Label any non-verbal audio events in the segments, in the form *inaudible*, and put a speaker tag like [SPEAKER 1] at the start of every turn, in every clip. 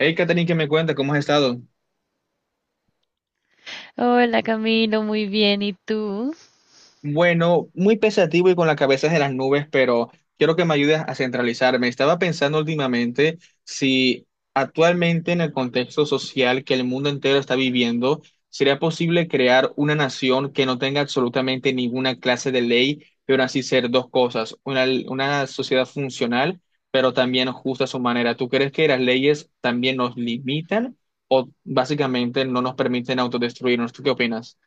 [SPEAKER 1] Hey, Katherine, ¿qué me cuenta? ¿Cómo has estado?
[SPEAKER 2] Hola Camilo, muy bien. ¿Y tú?
[SPEAKER 1] Bueno, muy pensativo y con la cabeza en las nubes, pero quiero que me ayudes a centralizarme. Estaba pensando últimamente si actualmente en el contexto social que el mundo entero está viviendo, sería posible crear una nación que no tenga absolutamente ninguna clase de ley, pero así ser dos cosas, una sociedad funcional, pero también justa a su manera. ¿Tú crees que las leyes también nos limitan o básicamente no nos permiten autodestruirnos? ¿Tú qué opinas?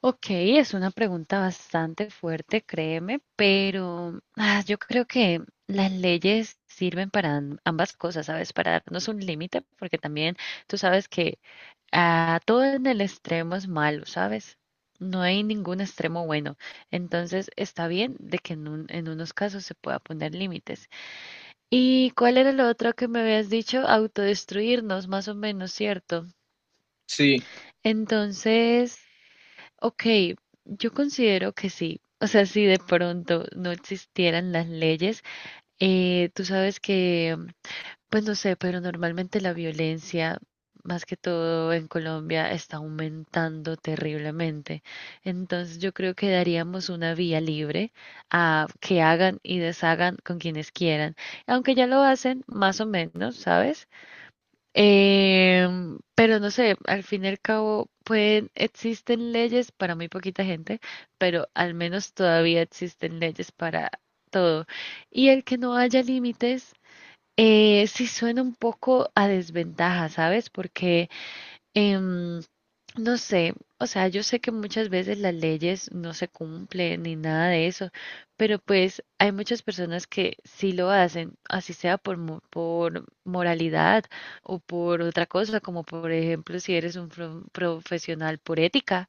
[SPEAKER 2] Ok, es una pregunta bastante fuerte, créeme, pero yo creo que las leyes sirven para ambas cosas, ¿sabes? Para darnos un límite, porque también tú sabes que todo en el extremo es malo, ¿sabes? No hay ningún extremo bueno. Entonces está bien de que en unos casos se pueda poner límites. ¿Y cuál era lo otro que me habías dicho? Autodestruirnos, más o menos, ¿cierto?
[SPEAKER 1] Sí,
[SPEAKER 2] Entonces, ok, yo considero que sí. O sea, si de pronto no existieran las leyes, tú sabes que, pues no sé, pero normalmente la violencia, más que todo en Colombia, está aumentando terriblemente. Entonces, yo creo que daríamos una vía libre a que hagan y deshagan con quienes quieran. Aunque ya lo hacen, más o menos, ¿sabes? Pero no sé, al fin y al cabo pueden, existen leyes para muy poquita gente, pero al menos todavía existen leyes para todo. Y el que no haya límites, sí suena un poco a desventaja, ¿sabes? Porque em, no sé, o sea, yo sé que muchas veces las leyes no se cumplen ni nada de eso, pero pues hay muchas personas que sí lo hacen, así sea por, por moralidad o por otra cosa, como por ejemplo si eres un profesional por ética,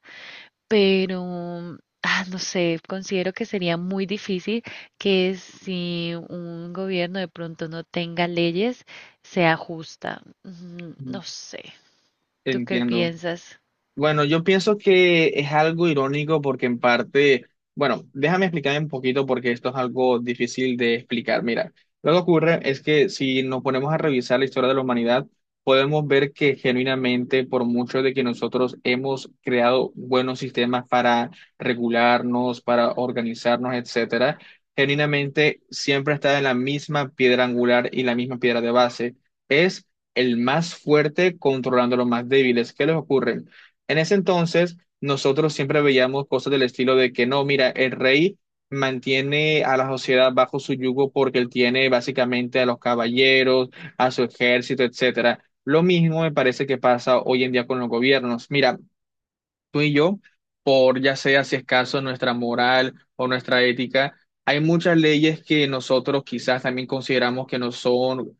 [SPEAKER 2] pero... No sé, considero que sería muy difícil que si un gobierno de pronto no tenga leyes, sea justa. No sé. ¿Tú qué
[SPEAKER 1] entiendo.
[SPEAKER 2] piensas?
[SPEAKER 1] Bueno, yo pienso que es algo irónico porque en parte, bueno, déjame explicar un poquito porque esto es algo difícil de explicar. Mira, lo que ocurre es que si nos ponemos a revisar la historia de la humanidad, podemos ver que genuinamente, por mucho de que nosotros hemos creado buenos sistemas para regularnos, para organizarnos, etcétera, genuinamente siempre está en la misma piedra angular y la misma piedra de base. Es el más fuerte controlando a los más débiles. ¿Qué les ocurre? En ese entonces, nosotros siempre veíamos cosas del estilo de que no, mira, el rey mantiene a la sociedad bajo su yugo porque él tiene básicamente a los caballeros, a su ejército, etcétera. Lo mismo me parece que pasa hoy en día con los gobiernos. Mira, tú y yo, por ya sea si es caso nuestra moral o nuestra ética, hay muchas leyes que nosotros quizás también consideramos que no son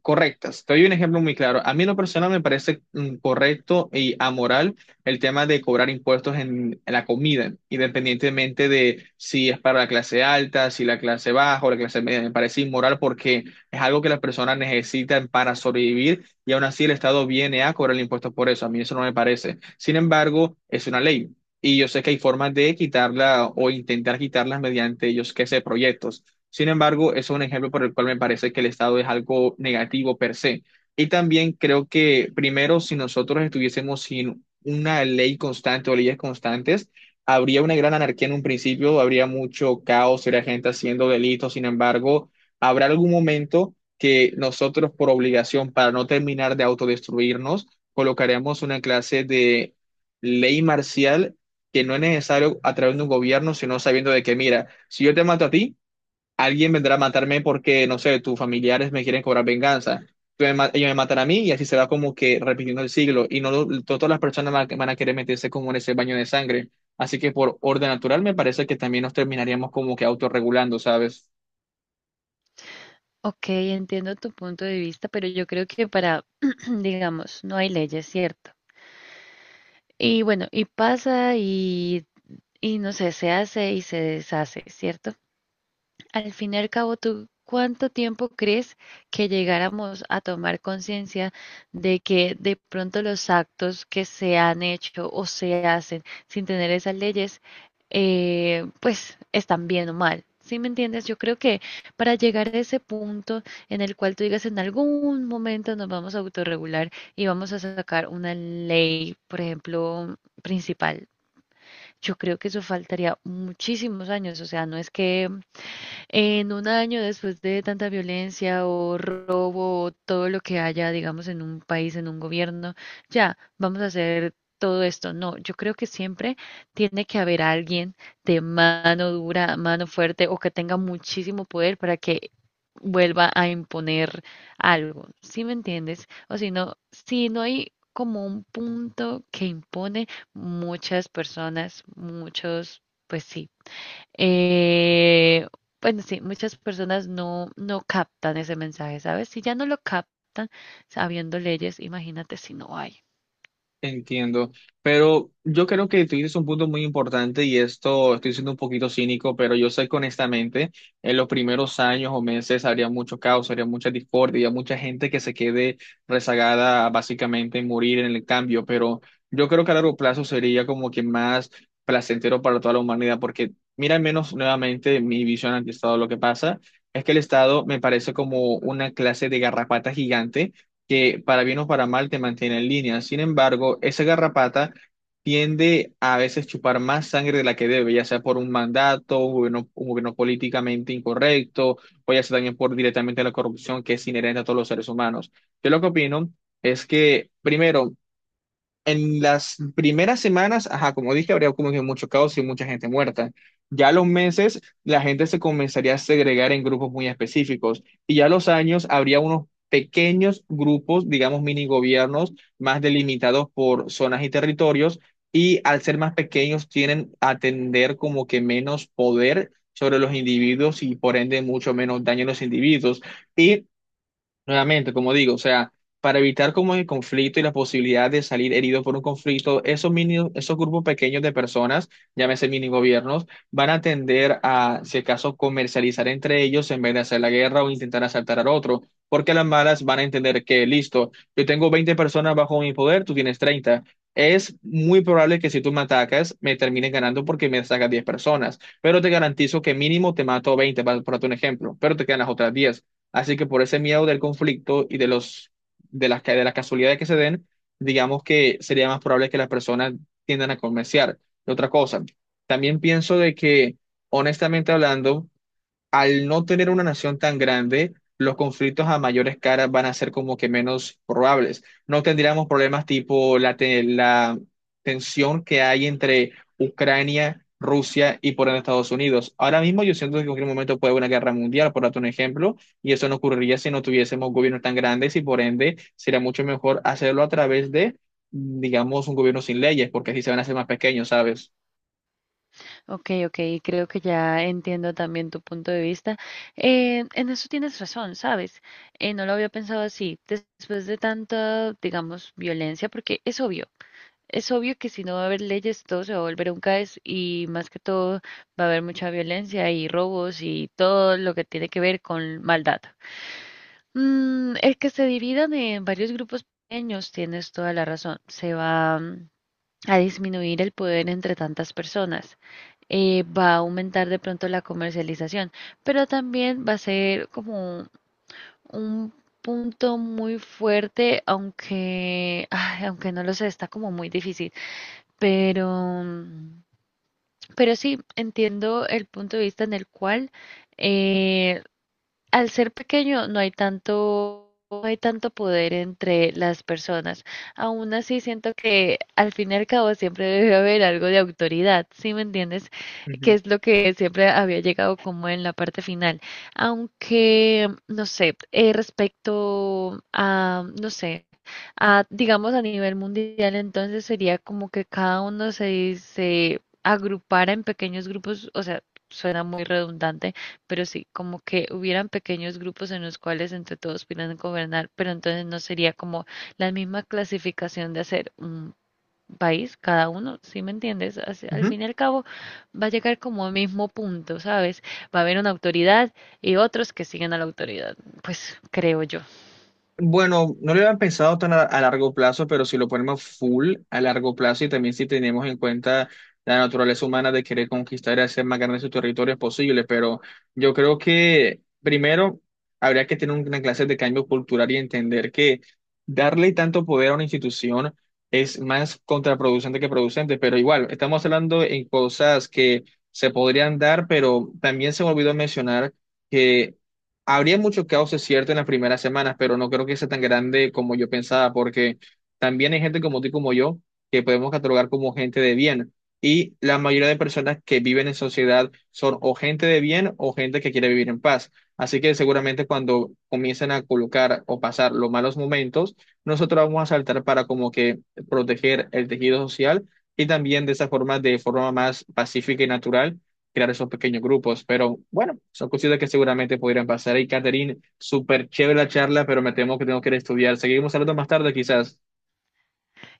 [SPEAKER 1] correctas. Te doy un ejemplo muy claro. A mí en lo personal me parece correcto y amoral el tema de cobrar impuestos en la comida, independientemente de si es para la clase alta, si la clase baja o la clase media. Me parece inmoral porque es algo que las personas necesitan para sobrevivir y aún así el Estado viene a cobrar impuestos por eso. A mí eso no me parece. Sin embargo, es una ley. Y yo sé que hay formas de quitarla o intentar quitarlas mediante, yo sé que sé, proyectos. Sin embargo, eso es un ejemplo por el cual me parece que el Estado es algo negativo per se. Y también creo que, primero, si nosotros estuviésemos sin una ley constante o leyes constantes, habría una gran anarquía en un principio, habría mucho caos, habría gente haciendo delitos. Sin embargo, habrá algún momento que nosotros, por obligación, para no terminar de autodestruirnos, colocaremos una clase de ley marcial que no es necesario a través de un gobierno, sino sabiendo de que, mira, si yo te mato a ti, alguien vendrá a matarme porque, no sé, tus familiares me quieren cobrar venganza. Ellos me matan a mí y así se va como que repitiendo el siglo. Y no lo- Todas las personas van a querer meterse como en ese baño de sangre. Así que por orden natural me parece que también nos terminaríamos como que autorregulando, ¿sabes?
[SPEAKER 2] Ok, entiendo tu punto de vista, pero yo creo que para, *clears throat* digamos, no hay leyes, ¿cierto? Y bueno, y pasa y no sé, se hace y se deshace, ¿cierto? Al fin y al cabo, ¿tú cuánto tiempo crees que llegáramos a tomar conciencia de que de pronto los actos que se han hecho o se hacen sin tener esas leyes, pues están bien o mal? ¿Sí me entiendes? Yo creo que para llegar a ese punto en el cual tú digas en algún momento nos vamos a autorregular y vamos a sacar una ley, por ejemplo, principal, yo creo que eso faltaría muchísimos años. O sea, no es que en un año después de tanta violencia o robo o todo lo que haya, digamos, en un país, en un gobierno, ya, vamos a hacer todo esto. No, yo creo que siempre tiene que haber alguien de mano dura, mano fuerte o que tenga muchísimo poder para que vuelva a imponer algo. ¿Sí me entiendes? O si no, si no hay como un punto que impone muchas personas, muchos, pues sí eh, bueno, sí, muchas personas no, no captan ese mensaje, ¿sabes? Si ya no lo captan sabiendo leyes, imagínate si no hay.
[SPEAKER 1] Entiendo, pero yo creo que tú dices un punto muy importante y esto estoy siendo un poquito cínico, pero yo sé que honestamente en los primeros años o meses habría mucho caos, habría mucha discordia, habría mucha gente que se quede rezagada a básicamente morir en el cambio, pero yo creo que a largo plazo sería como que más placentero para toda la humanidad, porque mira, al menos nuevamente mi visión ante el Estado, lo que pasa es que el Estado me parece como una clase de garrapata gigante que para bien o para mal te mantiene en línea. Sin embargo, esa garrapata tiende a veces chupar más sangre de la que debe, ya sea por un mandato, un gobierno políticamente incorrecto, o ya sea también por directamente la corrupción que es inherente a todos los seres humanos. Yo lo que opino es que, primero, en las primeras semanas, ajá, como dije, habría como que mucho caos y mucha gente muerta. Ya a los meses, la gente se comenzaría a segregar en grupos muy específicos. Y ya a los años, habría unos pequeños grupos, digamos, mini gobiernos, más delimitados por zonas y territorios. Y al ser más pequeños, tienen a tener como que menos poder sobre los individuos y por ende mucho menos daño a los individuos. Y nuevamente, como digo, o sea, para evitar como el conflicto y la posibilidad de salir herido por un conflicto, esos grupos pequeños de personas, llámese mini gobiernos, van a tender a, si acaso, comercializar entre ellos en vez de hacer la guerra o intentar asaltar al otro, porque las malas van a entender que, listo, yo tengo 20 personas bajo mi poder, tú tienes 30. Es muy probable que si tú me atacas, me termines ganando porque me sacas 10 personas, pero te garantizo que mínimo te mato 20, para, por un ejemplo, pero te quedan las otras 10. Así que por ese miedo del conflicto y de los de las casualidades que se den, digamos que sería más probable que las personas tiendan a comerciar. Y otra cosa, también pienso de que honestamente hablando al no tener una nación tan grande, los conflictos a mayores caras van a ser como que menos probables. No tendríamos problemas tipo la tensión que hay entre Ucrania, Rusia y por ende Estados Unidos. Ahora mismo yo siento que en cualquier momento puede haber una guerra mundial, por darte un ejemplo, y eso no ocurriría si no tuviésemos gobiernos tan grandes y por ende sería mucho mejor hacerlo a través de, digamos, un gobierno sin leyes, porque así se van a hacer más pequeños, ¿sabes?
[SPEAKER 2] Ok, ok, creo que ya entiendo también tu punto de vista. En eso tienes razón, ¿sabes? No lo había pensado así. Después de tanta, digamos, violencia, porque es obvio. Es obvio que si no va a haber leyes, todo se va a volver un caos y más que todo va a haber mucha violencia y robos y todo lo que tiene que ver con maldad. El que se dividan en varios grupos pequeños, tienes toda la razón. Se va a disminuir el poder entre tantas personas. Va a aumentar de pronto la comercialización, pero también va a ser como un punto muy fuerte, aunque, ay, aunque no lo sé, está como muy difícil. Pero, mm, pero sí, entiendo el punto de vista en el cual eh, al ser pequeño no hay tanto, no hay tanto poder entre las personas. Aún así siento que al fin y al cabo siempre debe haber algo de autoridad, ¿sí me entiendes? Que
[SPEAKER 1] Ujú.
[SPEAKER 2] es lo que siempre había llegado como en la parte final. Aunque, no sé, respecto a, no sé. A, digamos a nivel mundial, entonces sería como que cada uno se, se agrupara en pequeños grupos, o sea, suena muy redundante, pero sí, como que hubieran pequeños grupos en los cuales entre todos pudieran gobernar, pero entonces no sería como la misma clasificación de hacer un país, cada uno, ¿sí me entiendes? Así- Al
[SPEAKER 1] Ujú.
[SPEAKER 2] fin y al cabo va a llegar como al mismo punto, ¿sabes? Va a haber una autoridad y otros que siguen a la autoridad, pues creo yo.
[SPEAKER 1] Bueno, no lo habían pensado tan a largo plazo, pero si lo ponemos full a largo plazo y también si tenemos en cuenta la naturaleza humana de querer conquistar y hacer más grandes sus territorios posibles, pero yo creo que primero habría que tener una clase de cambio cultural y entender que darle tanto poder a una institución es más contraproducente que producente, pero igual, estamos hablando en cosas que se podrían dar, pero también se me olvidó mencionar que. Habría mucho caos, es cierto, en las primeras semanas, pero no creo que sea tan grande como yo pensaba, porque también hay gente como tú y como yo que podemos catalogar como gente de bien. Y la mayoría de personas que viven en sociedad son o gente de bien o gente que quiere vivir en paz. Así que seguramente cuando comiencen a colocar o pasar los malos momentos, nosotros vamos a saltar para como que proteger el tejido social y también de esa forma, de forma más pacífica y natural crear esos pequeños grupos. Pero bueno, son cositas que seguramente podrían pasar. Y Catherine, súper chévere la charla, pero me temo que tengo que ir a estudiar. Seguimos hablando más tarde, quizás.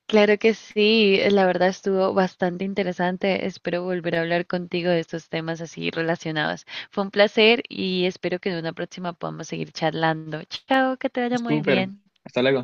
[SPEAKER 2] Claro que sí, la verdad estuvo bastante interesante. Espero volver a hablar contigo de estos temas así relacionados. Fue un placer y espero que en una próxima podamos seguir charlando. Chao, que te vaya muy
[SPEAKER 1] Súper.
[SPEAKER 2] bien.
[SPEAKER 1] Hasta luego.